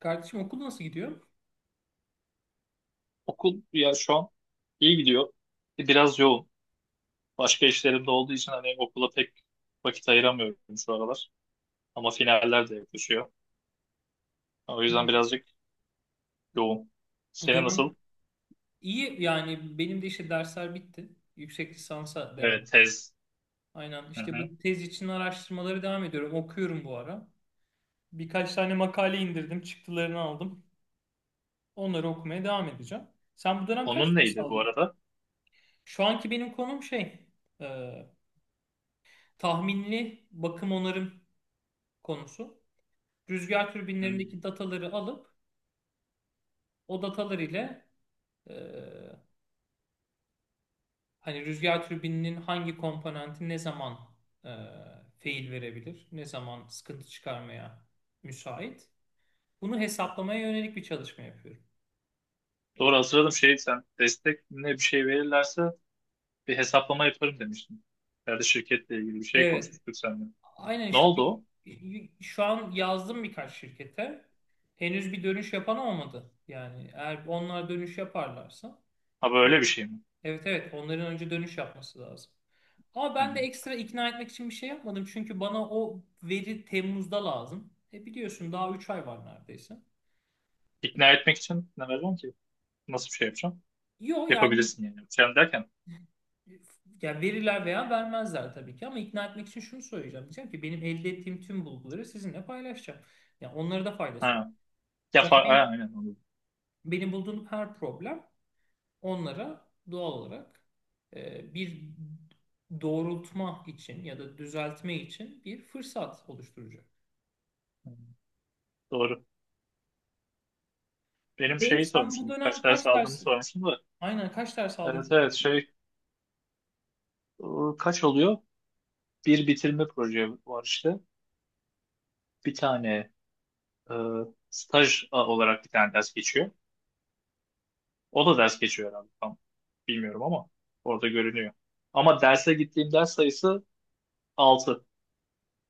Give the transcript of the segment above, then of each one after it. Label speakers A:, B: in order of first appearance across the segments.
A: Kardeşim okul nasıl gidiyor?
B: Okul ya şu an iyi gidiyor. Biraz yoğun. Başka işlerim de olduğu için hani okula pek vakit ayıramıyorum şu aralar. Ama finaller de yaklaşıyor. O yüzden birazcık yoğun.
A: Bu
B: Senin
A: dönem
B: nasıl?
A: iyi yani benim de işte dersler bitti. Yüksek lisansa devam
B: Evet,
A: ediyorum.
B: tez.
A: Aynen
B: Hı
A: işte
B: hı.
A: bu tez için araştırmaları devam ediyorum. Okuyorum bu ara. Birkaç tane makale indirdim. Çıktılarını aldım. Onları okumaya devam edeceğim. Sen bu dönem kaç
B: Onun
A: ders
B: neydi bu
A: aldın?
B: arada?
A: Şu anki benim konum şey e, tahminli bakım onarım konusu. Rüzgar
B: Hı.
A: türbinlerindeki dataları alıp o datalar ile e, hani rüzgar türbininin hangi komponenti ne zaman e, fail verebilir, ne zaman sıkıntı çıkarmaya müsait. Bunu hesaplamaya yönelik bir çalışma yapıyorum.
B: Doğru hatırladım şey sen destek ne bir şey verirlerse bir hesaplama yaparım demiştin. Herhalde şirketle ilgili bir şey
A: Evet,
B: konuşmuştuk seninle.
A: aynen
B: Ne
A: işte
B: oldu o?
A: şu an yazdım birkaç şirkete. Henüz bir dönüş yapan olmadı. Yani eğer onlar dönüş yaparlarsa,
B: Ha böyle bir şey mi?
A: evet evet onların önce dönüş yapması lazım. Ama
B: Hı hı.
A: ben de ekstra ikna etmek için bir şey yapmadım. Çünkü bana o veri Temmuz'da lazım. E biliyorsun daha 3 ay var neredeyse.
B: İkna etmek için ne vereceğim ki? Nasıl bir şey yapacağım?
A: Yok yani,
B: Yapabilirsin yani. Yapacağım derken
A: yani verirler veya vermezler tabii ki ama ikna etmek için şunu söyleyeceğim. Diyeceğim ki benim elde ettiğim tüm bulguları sizinle paylaşacağım. Yani onlara da
B: ha.
A: faydası olur.
B: Ya,
A: Sonuçta
B: ha,
A: benim,
B: aynen anladım.
A: benim bulduğum her problem onlara doğal olarak bir doğrultma için ya da düzeltme için bir fırsat oluşturacak.
B: Hı, doğru. Benim
A: E,
B: şeyi
A: sen bu
B: sormuşsun.
A: dönem
B: Kaç ders aldığımı sormuşsun da.
A: aynen kaç ders aldın
B: Evet evet
A: sen?
B: şey, kaç oluyor? Bir bitirme proje var işte. Bir tane, staj olarak bir tane ders geçiyor. O da ders geçiyor herhalde. Tam bilmiyorum ama orada görünüyor. Ama derse gittiğim ders sayısı altı.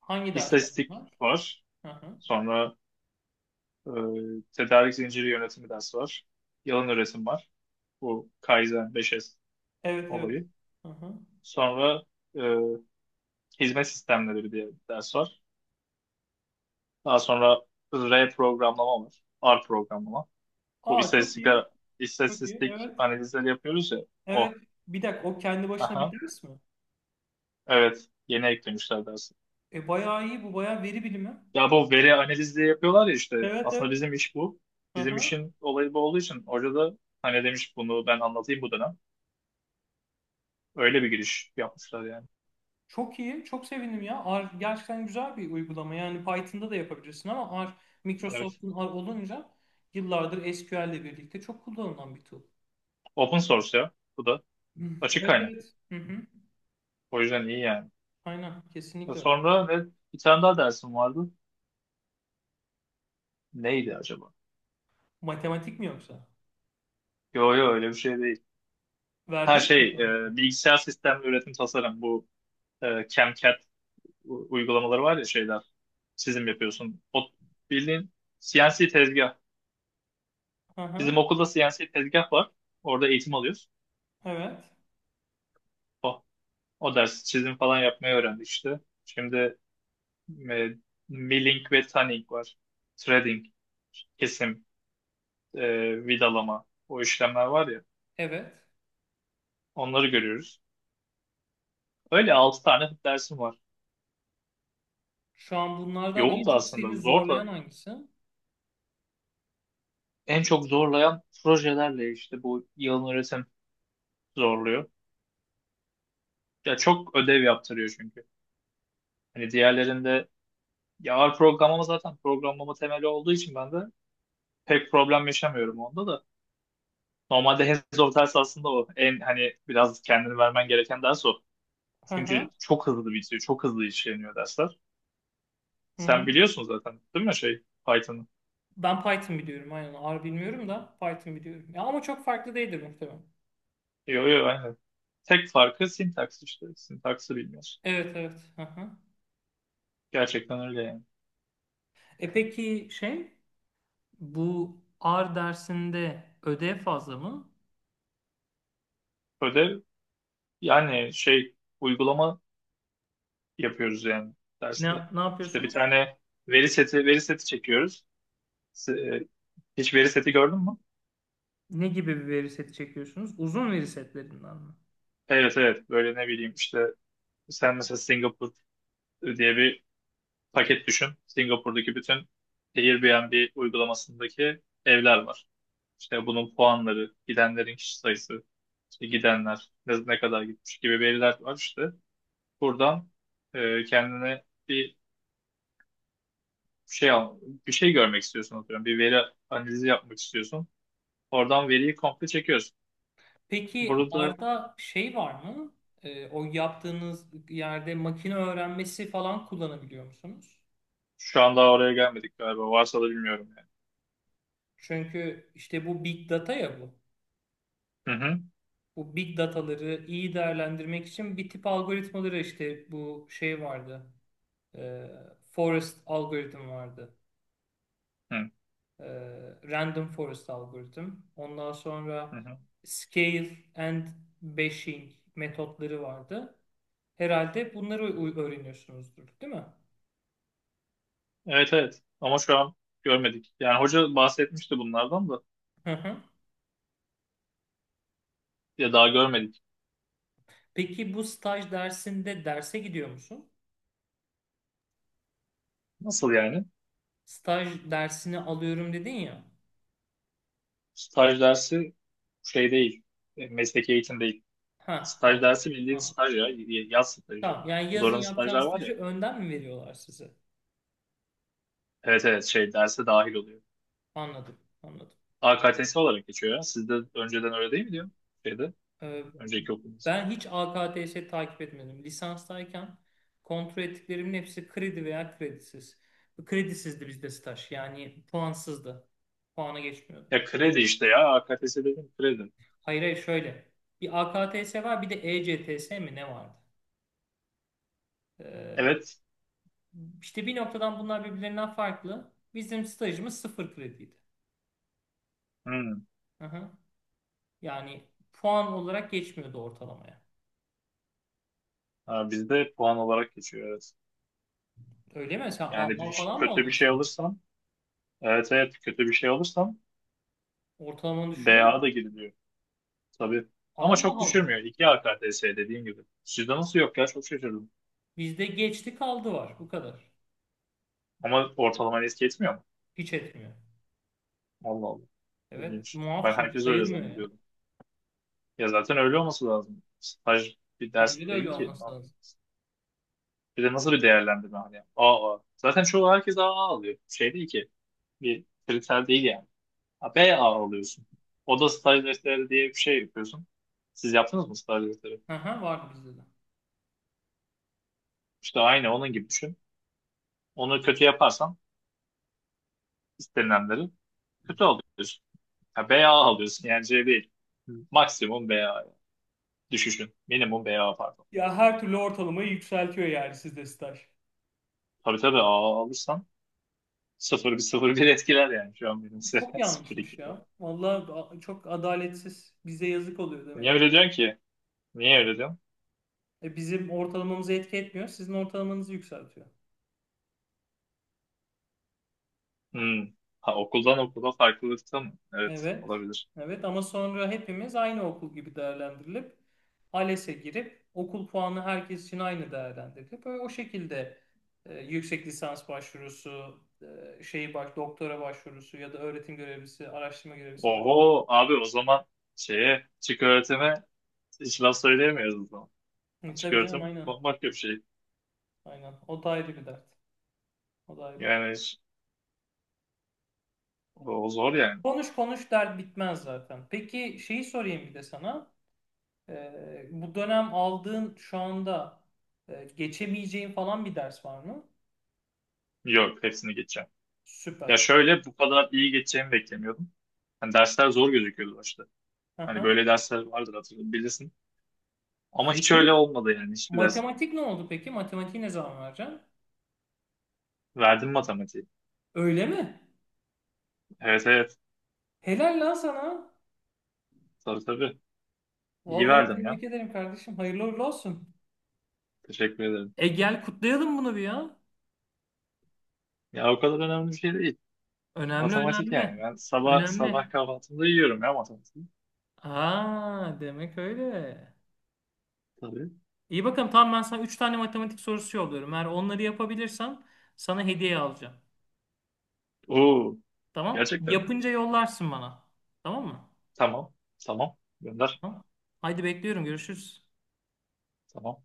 A: Hangi dersler
B: İstatistik
A: bunlar?
B: var.
A: Hı hı.
B: Sonra tedarik zinciri yönetimi dersi var. Yalın üretim var. Bu Kaizen 5S
A: Evet evet.
B: olayı.
A: Hı hı.
B: Sonra e, hizmet sistemleri diye bir ders var. Daha sonra R programlama var. R programlama. Bu
A: Aa çok iyi.
B: istatistikler,
A: Çok iyi.
B: istatistik
A: Evet.
B: analizleri yapıyoruz ya.
A: Evet.
B: O.
A: Bir dakika o kendi başına bir
B: Aha.
A: ders mi?
B: Evet. Yeni eklemişler dersi.
A: E bayağı iyi bu, bayağı veri bilimi.
B: Ya bu veri analizi yapıyorlar ya işte.
A: Evet
B: Aslında
A: evet.
B: bizim iş bu. Bizim
A: Aha.
B: işin olayı bu olduğu için hoca da hani demiş bunu ben anlatayım bu dönem. Öyle bir giriş yapmışlar yani.
A: Çok iyi. Çok sevindim ya. R gerçekten güzel bir uygulama. Yani Python'da da yapabilirsin ama R,
B: Evet.
A: Microsoft'un R olunca yıllardır SQL ile birlikte çok kullanılan bir tool.
B: Open source ya. Bu da
A: Hı.
B: açık
A: Evet
B: kaynak.
A: evet. Hı hı.
B: O yüzden iyi yani.
A: Aynen. Kesinlikle öyle.
B: Sonra ne? Bir tane daha dersim vardı. Neydi acaba?
A: Matematik mi yoksa?
B: Yo yo öyle bir şey değil. Her
A: Verdim mi
B: şey,
A: matematik?
B: bilgisayar sistemli üretim tasarım bu, CAM/CAD uygulamaları var ya şeyler. Çizim yapıyorsun. O bildiğin CNC tezgah.
A: Aha.
B: Bizim okulda CNC tezgah var. Orada eğitim alıyoruz.
A: Evet.
B: O, o ders çizim falan yapmayı öğrendik işte. Şimdi e, milling ve tanning var. Threading, kesim, vidalama o işlemler var ya.
A: Evet.
B: Onları görüyoruz. Öyle 6 tane dersim var.
A: Şu an bunlardan en
B: Yoğun da
A: çok seni
B: aslında zor
A: zorlayan
B: da,
A: hangisi?
B: en çok zorlayan projelerle işte bu yalın öğretim zorluyor. Ya çok ödev yaptırıyor çünkü. Hani diğerlerinde ya, ağır programlama zaten programlama temeli olduğu için ben de pek problem yaşamıyorum onda da. Normalde hands-on ders aslında o. En hani biraz kendini vermen gereken ders o. Çünkü
A: Aha.
B: çok hızlı bitiyor. Çok hızlı işleniyor dersler.
A: Hı hı.
B: Sen biliyorsun zaten değil mi şey, Python'ı?
A: Ben Python biliyorum aynen. R bilmiyorum da Python biliyorum. Ya ama çok farklı değildir muhtemelen.
B: Yo yo aynen. Tek farkı sintaks işte. Sintaksı bilmiyorsun.
A: Evet evet. Aha.
B: Gerçekten öyle yani.
A: E peki şey, bu R dersinde ödev fazla mı?
B: Ödev yani şey, uygulama yapıyoruz yani derste.
A: Ne, ne
B: İşte bir
A: yapıyorsunuz?
B: tane veri seti çekiyoruz. S- e, Hiç veri seti gördün mü?
A: Ne gibi bir veri seti çekiyorsunuz? Uzun veri setlerinden mi?
B: Evet evet böyle ne bileyim işte, sen mesela Singapur diye bir paket düşün. Singapur'daki bütün Airbnb uygulamasındaki evler var. İşte bunun puanları, gidenlerin kişi sayısı, işte gidenler ne kadar gitmiş gibi veriler var işte. Buradan kendine bir şey al, bir şey görmek istiyorsun atıyorum. Bir veri analizi yapmak istiyorsun. Oradan veriyi komple çekiyoruz.
A: Peki
B: Burada
A: R'da şey var mı? E, o yaptığınız yerde makine öğrenmesi falan kullanabiliyor musunuz?
B: şu an daha oraya gelmedik galiba. Varsa da bilmiyorum yani.
A: Çünkü işte bu big data ya bu.
B: Hı hı.
A: Bu big dataları iyi değerlendirmek için bir tip algoritmaları işte bu şey vardı. E, Forest algoritm vardı. E, Random forest algoritm. Ondan
B: Hı hı.
A: sonra
B: Hı.
A: scale and bashing metotları vardı. Herhalde öğreniyorsunuzdur, değil mi?
B: Evet evet. Ama şu an görmedik. Yani hoca bahsetmişti bunlardan da.
A: Hı hı.
B: Ya daha görmedik.
A: Peki bu staj dersinde derse gidiyor musun?
B: Nasıl yani?
A: Staj dersini alıyorum dedin ya.
B: Staj dersi şey değil. E, mesleki eğitim değil.
A: Ha,
B: Staj
A: tamam.
B: dersi bildiğin
A: Anladım.
B: staj ya. Yaz stajı.
A: Tamam. Yani yazın
B: Zorunlu
A: yapacağın
B: stajlar var ya.
A: stajı önden mi veriyorlar size?
B: Evet evet şey, derse dahil oluyor.
A: Anladım, anladım.
B: AKTS olarak geçiyor ya. Sizde önceden öyle değil mi diyor? Şeyde.
A: Ee,
B: Önceki okulunuzda.
A: ben hiç AKTS takip etmedim. Lisanstayken kontrol ettiklerimin hepsi kredi veya kredisiz. Kredisizdi bizde staj. Yani puansızdı. Puana geçmiyordu.
B: Ya kredi işte ya. AKTS dedim kredi.
A: Hayır hayır şöyle. Bir AKTS var, bir de ECTS mi ne vardı? Ee,
B: Evet.
A: işte bir noktadan bunlar birbirlerinden farklı. Bizim stajımız sıfır krediydi.
B: Hmm.
A: Aha. Yani puan olarak geçmiyordu ortalamaya.
B: Ha, bizde puan olarak geçiyor evet.
A: Öyle mi? Sen A
B: Yani
A: A falan mı
B: kötü bir şey
A: alıyorsun?
B: alırsam, evet evet, kötü bir şey alırsam
A: Ortalamanı düşürüyor mu?
B: BA da giriliyor. Tabii. Ama
A: Allah
B: çok
A: Allah.
B: düşürmüyor. 2 AKTS dediğim gibi. Sizde nasıl yok ya? Çok şaşırdım.
A: Bizde geçti kaldı var. Bu kadar.
B: Ama ortalama eski etmiyor mu?
A: Hiç etmiyor.
B: Allah Allah.
A: Evet.
B: İlginç. Ben
A: Muaf çünkü
B: herkes öyle
A: sayılmıyor yani.
B: zannediyordum. Ya zaten öyle olması lazım. Staj bir
A: Bence
B: ders
A: de öyle
B: değil ki. Ne
A: olması lazım.
B: yapacağız? Bir de nasıl bir değerlendirme hani? AA. Zaten çoğu herkes AA alıyor. Şey değil ki. Bir kriter değil yani. Ha, B A alıyorsun. Oda staj defteri diye bir şey yapıyorsun. Siz yaptınız mı staj defteri?
A: Aha, vardı bizde de.
B: İşte aynı onun gibi düşün. Onu kötü yaparsan istenilenleri kötü alıyorsun. Ha, B A alıyorsun yani, C değil. Maksimum B A düşüşün. Minimum B A pardon.
A: Ya her türlü ortalamayı yükseltiyor yani sizde staj.
B: Tabii tabii, A alırsan sıfır bir sıfır bir etkiler, yani şu an benim
A: Çok
B: seviyem
A: yanlışmış
B: 0
A: ya.
B: falan.
A: Vallahi çok adaletsiz. Bize yazık oluyor
B: Niye
A: demek.
B: öyle diyorsun ki? Niye öyle diyorsun?
A: E, bizim ortalamamızı etki etmiyor. Sizin ortalamanızı yükseltiyor.
B: Hmm. Ha, okuldan okula farklılıkta mı? Evet
A: Evet.
B: olabilir.
A: Evet ama sonra hepimiz aynı okul gibi değerlendirilip ALES'e girip okul puanı herkes için aynı değerlendirilip böyle o şekilde yüksek lisans başvurusu, şey bak, doktora başvurusu ya da öğretim görevlisi, araştırma görevlisi bak.
B: Oho abi o zaman şeye çık, öğretime. Hiç laf söyleyemiyoruz o zaman.
A: Hı,
B: Açık
A: tabii canım
B: öğretim
A: aynen.
B: bambaşka bir şey.
A: Aynen. O da ayrı bir dert. O da ayrı.
B: Yani o zor yani.
A: Konuş konuş dert bitmez zaten. Peki şeyi sorayım bir de sana. Bu dönem aldığın şu anda geçemeyeceğin falan bir ders var mı?
B: Yok hepsini geçeceğim. Ya
A: Süper.
B: şöyle bu kadar iyi geçeceğimi beklemiyordum. Hani dersler zor gözüküyordu başta. Hani
A: Aha.
B: böyle dersler vardır hatırlıyorum bilirsin. Ama hiç öyle
A: Ne?
B: olmadı yani, hiçbir ders.
A: Matematik ne oldu peki? Matematiği ne zaman vereceksin?
B: Verdim matematiği.
A: Öyle mi?
B: Evet evet.
A: Helal lan sana.
B: Tabii tabii. İyi
A: Vallahi
B: verdim ya.
A: tebrik ederim kardeşim. Hayırlı uğurlu olsun.
B: Teşekkür ederim.
A: E gel kutlayalım bunu bir ya.
B: Ya o kadar önemli bir şey değil.
A: Önemli
B: Matematik
A: önemli.
B: yani. Ben sabah sabah
A: Önemli.
B: kahvaltımda yiyorum ya matematiği.
A: Aa demek öyle.
B: Tabii.
A: İyi bakalım tamam, ben sana 3 tane matematik sorusu yolluyorum. Eğer onları yapabilirsem sana hediye alacağım.
B: Oo,
A: Tamam?
B: gerçekten.
A: Yapınca yollarsın bana. Tamam mı?
B: Tamam. Tamam. Gönder.
A: Tamam. Haydi bekliyorum. Görüşürüz.
B: Tamam.